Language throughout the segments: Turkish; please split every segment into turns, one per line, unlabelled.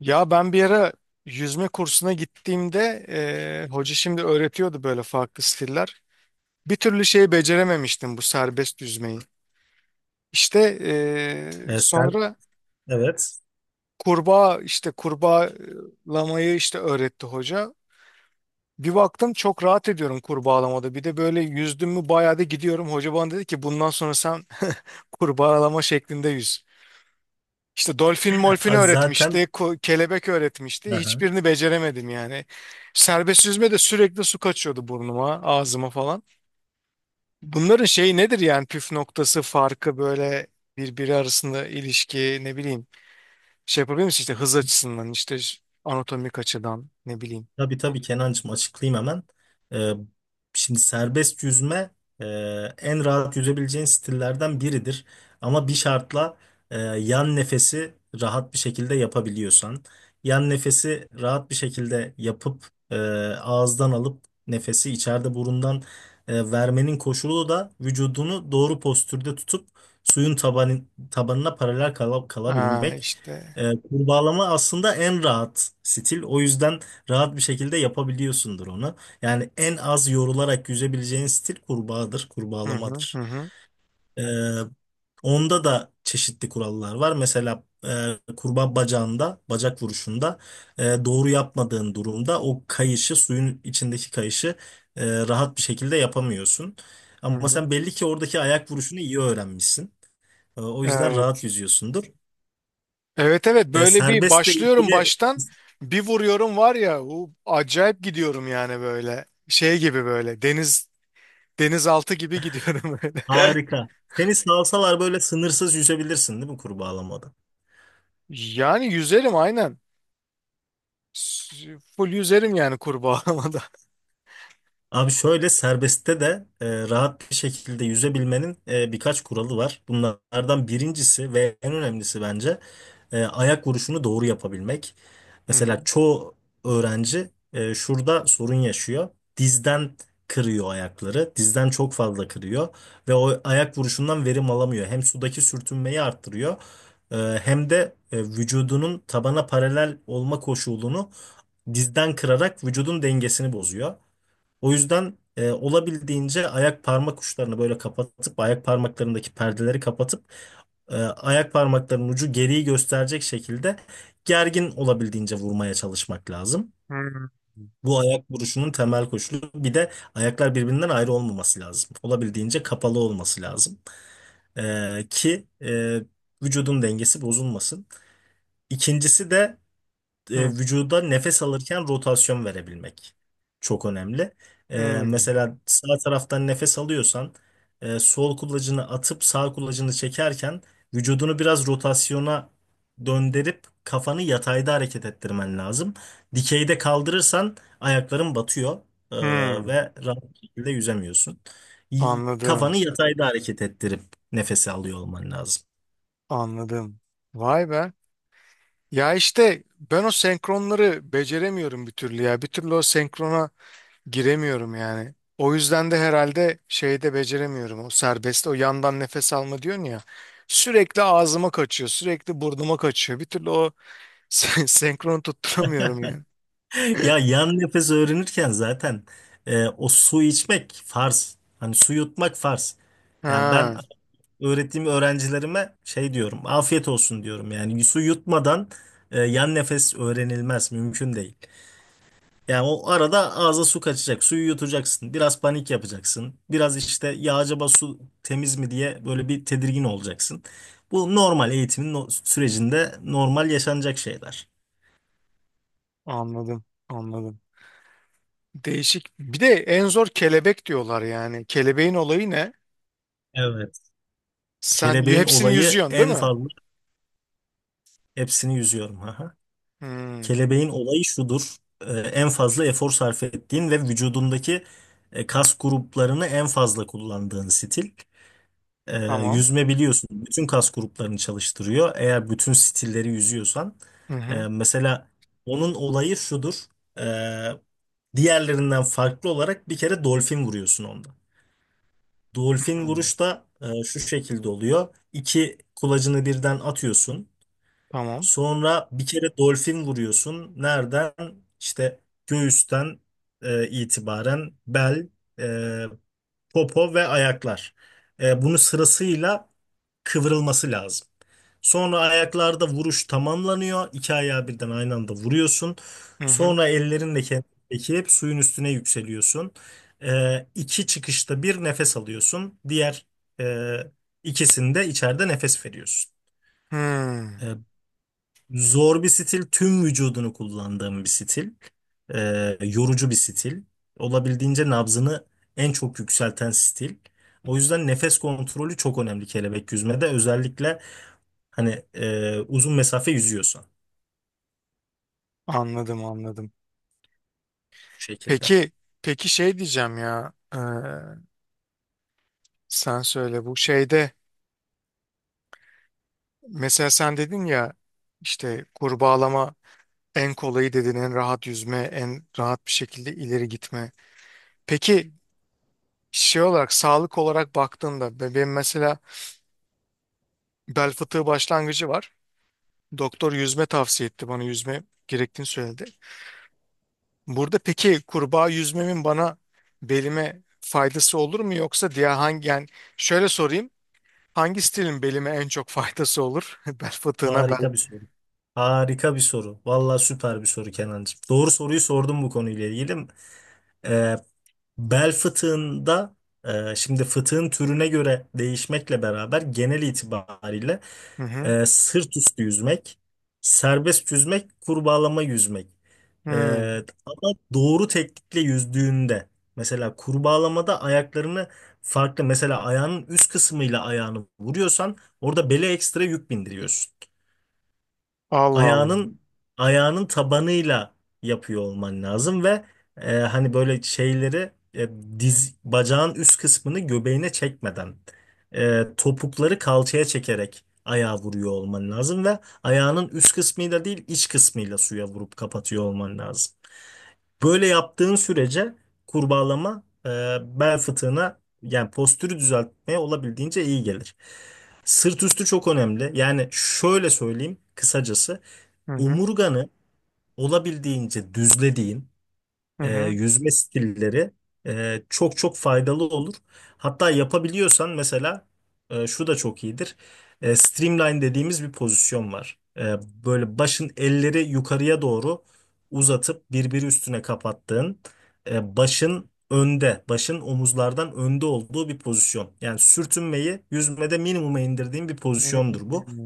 Ya ben bir ara yüzme kursuna gittiğimde hoca şimdi öğretiyordu böyle farklı stiller. Bir türlü şeyi becerememiştim bu serbest yüzmeyi. İşte
Sen
sonra
evet.
kurbağalamayı işte öğretti hoca. Bir baktım çok rahat ediyorum kurbağalamada. Bir de böyle yüzdüm mü bayağı da gidiyorum. Hoca bana dedi ki bundan sonra sen kurbağalama şeklinde yüz. İşte dolfin molfin
Zaten
öğretmişti, kelebek öğretmişti.
aha.
Hiçbirini beceremedim yani. Serbest yüzme de sürekli su kaçıyordu burnuma, ağzıma falan. Bunların şeyi nedir yani püf noktası, farkı böyle birbiri arasında ilişki ne bileyim. Şey yapabilir misin işte hız açısından işte anatomik açıdan ne bileyim.
Tabii tabii Kenancığım, açıklayayım hemen. Ee, Şimdi serbest yüzme e, en rahat yüzebileceğin stillerden biridir. Ama bir şartla, yan nefesi rahat bir şekilde yapabiliyorsan. Yan nefesi rahat bir şekilde yapıp ağızdan alıp nefesi içeride burundan vermenin koşulu da vücudunu doğru postürde tutup suyun tabanı, tabanına paralel
Aa
kalabilmek.
işte.
Kurbağalama aslında en rahat stil. O yüzden rahat bir şekilde yapabiliyorsundur onu. Yani en az yorularak yüzebileceğin stil kurbağadır,
Hı hı hı
kurbağalamadır.
hı.
Ee, Onda da çeşitli kurallar var. Mesela kurbağa bacağında, bacak vuruşunda doğru yapmadığın durumda o kayışı, suyun içindeki kayışı rahat bir şekilde yapamıyorsun.
Hı
Ama
hı.
sen belli ki oradaki ayak vuruşunu iyi öğrenmişsin. O yüzden rahat
Evet.
yüzüyorsundur.
Evet, evet, böyle bir
Serbestle
başlıyorum
ilgili
baştan bir vuruyorum var ya o acayip gidiyorum yani böyle şey gibi böyle denizaltı gibi gidiyorum böyle.
harika. Seni salsalar böyle sınırsız yüzebilirsin değil mi kurbağalamada?
Yani yüzerim aynen. Full yüzerim yani kurbağalamada.
Abi şöyle serbestte de rahat bir şekilde yüzebilmenin birkaç kuralı var. Bunlardan birincisi ve en önemlisi bence ayak vuruşunu doğru yapabilmek.
Hı hı.
Mesela çoğu öğrenci şurada sorun yaşıyor. Dizden kırıyor ayakları. Dizden çok fazla kırıyor ve o ayak vuruşundan verim alamıyor. Hem sudaki sürtünmeyi arttırıyor, e, hem de vücudunun tabana paralel olma koşulunu dizden kırarak vücudun dengesini bozuyor. O yüzden olabildiğince ayak parmak uçlarını böyle kapatıp ayak parmaklarındaki perdeleri kapatıp ayak parmaklarının ucu geriyi gösterecek şekilde gergin olabildiğince vurmaya çalışmak lazım.
Hı
Bu ayak vuruşunun temel koşulu. Bir de ayaklar birbirinden ayrı olmaması lazım. Olabildiğince kapalı olması lazım. E, ki e, Vücudun dengesi bozulmasın. İkincisi de
hı.
vücuda nefes alırken rotasyon verebilmek çok önemli. E,
Hı
Mesela sağ taraftan nefes alıyorsan sol kulacını atıp sağ kulacını çekerken vücudunu biraz rotasyona döndürüp kafanı yatayda hareket ettirmen lazım. Dikeyde kaldırırsan ayakların batıyor e,
hı.
ve rahat bir şekilde yüzemiyorsun.
Anladım.
Kafanı yatayda hareket ettirip nefesi alıyor olman lazım.
Anladım. Vay be. Ya işte ben o senkronları beceremiyorum bir türlü ya. Bir türlü o senkrona giremiyorum yani. O yüzden de herhalde şeyde beceremiyorum o serbest o yandan nefes alma diyorsun ya. Sürekli ağzıma kaçıyor, sürekli burnuma kaçıyor. Bir türlü o senkronu tutturamıyorum yani.
Ya yan nefes öğrenirken zaten o su içmek farz. Hani su yutmak farz. Yani ben
Ha,
öğrettiğim öğrencilerime şey diyorum. Afiyet olsun diyorum. Yani su yutmadan yan nefes öğrenilmez. Mümkün değil. Yani o arada ağza su kaçacak. Suyu yutacaksın. Biraz panik yapacaksın. Biraz işte ya acaba su temiz mi diye böyle bir tedirgin olacaksın. Bu normal eğitimin sürecinde normal yaşanacak şeyler.
anladım, anladım. Değişik. Bir de en zor kelebek diyorlar yani. Kelebeğin olayı ne?
Evet.
Sen
Kelebeğin
hepsini
olayı
yüzüyorsun değil
en
mi?
fazla hepsini yüzüyorum. Aha.
Hmm,
Kelebeğin olayı şudur. En fazla efor sarf ettiğin ve vücudundaki kas gruplarını en fazla kullandığın stil. Ee,
tamam.
Yüzme biliyorsun. Bütün kas gruplarını çalıştırıyor. Eğer bütün stilleri yüzüyorsan.
Hı hı.
Mesela onun olayı şudur. Ee, Diğerlerinden farklı olarak bir kere dolfin vuruyorsun onda. Dolfin
Hmm,
vuruş da şu şekilde oluyor. İki kulacını birden atıyorsun.
tamam.
Sonra bir kere dolfin vuruyorsun. Nereden? İşte göğüsten itibaren bel, e, popo ve ayaklar. Bunu sırasıyla kıvrılması lazım. Sonra ayaklarda vuruş tamamlanıyor. İki ayağı birden aynı anda vuruyorsun.
Hı hı.
Sonra ellerinle kendini çekip suyun üstüne yükseliyorsun. İki çıkışta bir nefes alıyorsun. Diğer e, ikisinde içeride nefes veriyorsun. E,
Hmm,
Zor bir stil, tüm vücudunu kullandığım bir stil, yorucu bir stil, olabildiğince nabzını en çok yükselten stil. O yüzden nefes kontrolü çok önemli kelebek yüzmede, özellikle hani uzun mesafe yüzüyorsan bu
anladım, anladım.
şekilde.
Peki, peki şey diyeceğim ya, sen söyle bu şeyde mesela sen dedin ya işte kurbağalama en kolayı dedin, en rahat yüzme, en rahat bir şekilde ileri gitme. Peki şey olarak, sağlık olarak baktığında, benim mesela bel fıtığı başlangıcı var. Doktor yüzme tavsiye etti bana, yüzme gerektiğini söyledi. Burada peki kurbağa yüzmemin bana belime faydası olur mu, yoksa diğer hangi yani, şöyle sorayım. Hangi stilin belime en çok faydası olur? Bel fıtığına bel.
Harika bir soru. Harika bir soru. Vallahi süper bir soru Kenancığım. Doğru soruyu sordum bu konuyla ilgili. Ee, Bel fıtığında şimdi fıtığın türüne göre değişmekle beraber genel itibariyle
Hı hı.
Sırt üstü yüzmek, serbest yüzmek, kurbağalama yüzmek. E,
Hı.
Ama doğru teknikle yüzdüğünde mesela kurbağalamada ayaklarını farklı, mesela ayağının üst kısmıyla ayağını vuruyorsan orada bele ekstra yük bindiriyorsun.
Allah Allah.
Ayağının ayağının tabanıyla yapıyor olman lazım ve hani böyle şeyleri diz bacağın üst kısmını göbeğine çekmeden topukları kalçaya çekerek ayağa vuruyor olman lazım ve ayağının üst kısmıyla değil iç kısmıyla suya vurup kapatıyor olman lazım. Böyle yaptığın sürece kurbağalama bel fıtığına yani postürü düzeltmeye olabildiğince iyi gelir. Sırt üstü çok önemli. Yani şöyle söyleyeyim kısacası,
Hı hı.
omurganı olabildiğince düzlediğin
Hı hı.
yüzme stilleri çok çok faydalı olur. Hatta yapabiliyorsan mesela şu da çok iyidir. Streamline dediğimiz bir pozisyon var. Böyle başın elleri yukarıya doğru uzatıp birbiri üstüne kapattığın başın önde, başın omuzlardan önde olduğu bir pozisyon. Yani sürtünmeyi yüzmede minimuma indirdiğin bir pozisyondur bu.
Hı.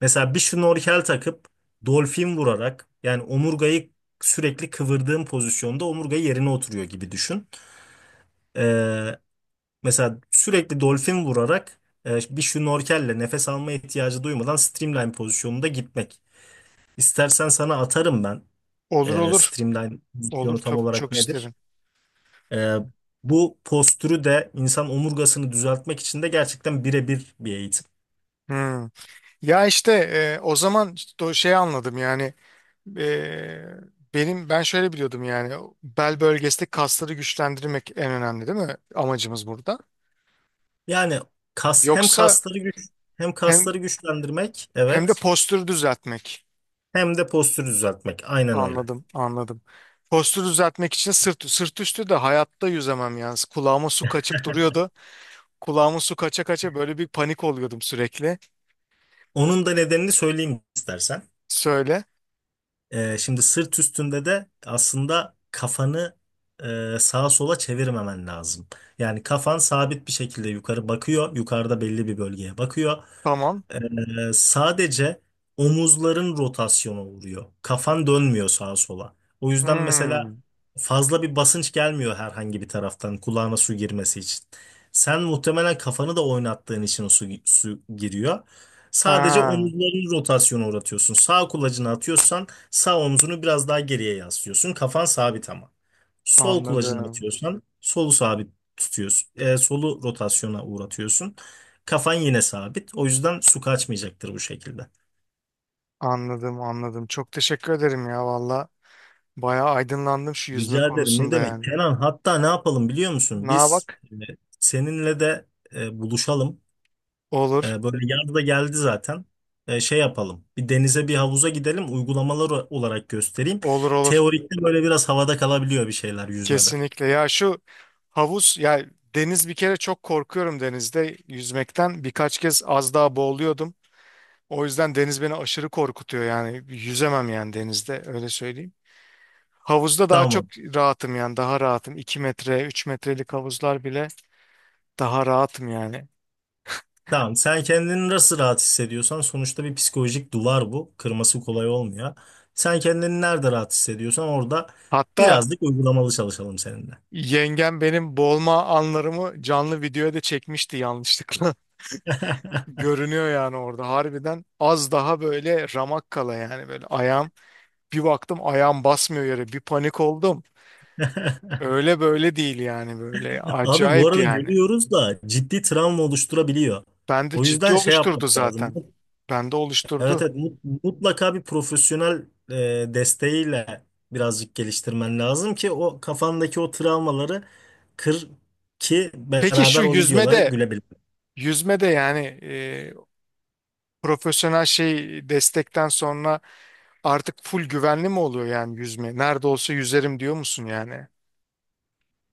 Mesela bir şnorkel takıp dolfin vurarak, yani omurgayı sürekli kıvırdığın pozisyonda omurga yerine oturuyor gibi düşün. Ee, Mesela sürekli dolfin vurarak bir şnorkelle nefes alma ihtiyacı duymadan streamline pozisyonunda gitmek. İstersen sana atarım ben
Olur, olur.
streamline
Olur,
pozisyonu tam
çok
olarak
çok
nedir?
isterim.
Ee, Bu postürü de insan omurgasını düzeltmek için de gerçekten birebir bir eğitim.
Hı. Ya işte, o zaman işte o şey anladım yani, e, ben şöyle biliyordum yani, bel bölgesindeki kasları güçlendirmek en önemli değil mi amacımız burada?
Yani kas,
Yoksa
hem kasları
hem
güçlendirmek,
hem de
evet,
postürü düzeltmek.
hem de postürü düzeltmek. Aynen öyle.
Anladım, anladım. Postürü düzeltmek için sırt, sırt üstü de hayatta yüzemem yani. Kulağıma su kaçıp duruyordu. Kulağıma su kaça kaça böyle bir panik oluyordum sürekli.
Onun da nedenini söyleyeyim istersen.
Söyle.
Şimdi sırt üstünde de aslında kafanı sağa sola çevirmemen lazım. Yani kafan sabit bir şekilde yukarı bakıyor. Yukarıda belli bir bölgeye bakıyor.
Tamam.
Sadece omuzların rotasyona uğruyor. Kafan dönmüyor sağa sola. O yüzden mesela
Hmm.
fazla bir basınç gelmiyor herhangi bir taraftan kulağına su girmesi için. Sen muhtemelen kafanı da oynattığın için su giriyor. Sadece
Ha,
omuzların rotasyona uğratıyorsun. Sağ kulacını atıyorsan sağ omzunu biraz daha geriye yaslıyorsun. Kafan sabit ama. Sol kulacını
anladım.
atıyorsan solu sabit tutuyorsun. Solu rotasyona uğratıyorsun. Kafan yine sabit. O yüzden su kaçmayacaktır bu şekilde.
Anladım, anladım. Çok teşekkür ederim ya valla. Bayağı aydınlandım şu yüzme
Rica ederim. Ne
konusunda
demek?
yani.
Kenan, hatta ne yapalım biliyor musun?
Na
Biz,
bak.
seninle de buluşalım.
Olur.
Böyle yaz da geldi zaten. Şey yapalım. Bir denize bir havuza gidelim. Uygulamalar olarak göstereyim.
Olur, olur.
Teorikte böyle biraz havada kalabiliyor bir şeyler yüzmede.
Kesinlikle. Ya şu havuz ya deniz, bir kere çok korkuyorum denizde yüzmekten. Birkaç kez az daha boğuluyordum. O yüzden deniz beni aşırı korkutuyor yani, yüzemem yani denizde, öyle söyleyeyim. Havuzda daha çok
Tamam.
rahatım yani, daha rahatım. 2 metre 3 metrelik havuzlar bile daha rahatım yani.
Tamam, sen kendini nasıl rahat hissediyorsan, sonuçta bir psikolojik duvar bu. Kırması kolay olmuyor. Sen kendini nerede rahat hissediyorsan orada
Hatta
birazcık uygulamalı çalışalım seninle.
yengem benim boğulma anlarımı canlı videoya da çekmişti yanlışlıkla. Görünüyor yani, orada harbiden az daha böyle ramak kala yani, böyle ayağım bir baktım ayağım basmıyor yere, bir panik oldum. Öyle böyle değil yani, böyle
Abi bu
acayip
arada
yani.
gülüyoruz da ciddi travma oluşturabiliyor.
Bende
O
ciddi
yüzden şey
oluşturdu
yapmak lazım.
zaten. Bende
Evet
oluşturdu.
evet, mutlaka bir profesyonel desteğiyle birazcık geliştirmen lazım ki o kafandaki o travmaları kır ki
Peki şu
beraber o videolara
yüzmede,
gülebilelim.
yüzmede yani, profesyonel şey destekten sonra artık full güvenli mi oluyor yani yüzme? Nerede olsa yüzerim diyor musun yani?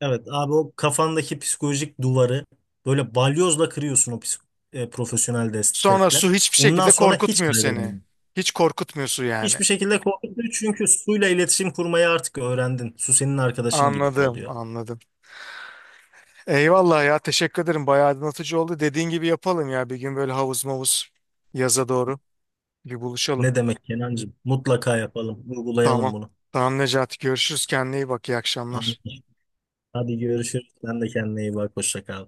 Evet abi, o kafandaki psikolojik duvarı böyle balyozla kırıyorsun o profesyonel
Sonra
destekle.
su hiçbir
Ondan
şekilde
sonra hiç
korkutmuyor seni.
kaygılanmıyor.
Hiç korkutmuyor su yani.
Hiçbir şekilde korkmuyor çünkü suyla iletişim kurmayı artık öğrendin. Su senin arkadaşın gibi
Anladım,
oluyor.
anladım. Eyvallah ya, teşekkür ederim. Bayağı aydınlatıcı oldu. Dediğin gibi yapalım ya, bir gün böyle havuz mavuz, yaza doğru bir buluşalım.
Ne demek Kenancığım? Mutlaka yapalım, uygulayalım
Tamam.
bunu.
Tamam Necati, görüşürüz. Kendine iyi bak. İyi akşamlar.
Anladım. Hadi görüşürüz. Sen de kendine iyi bak. Hoşça kal.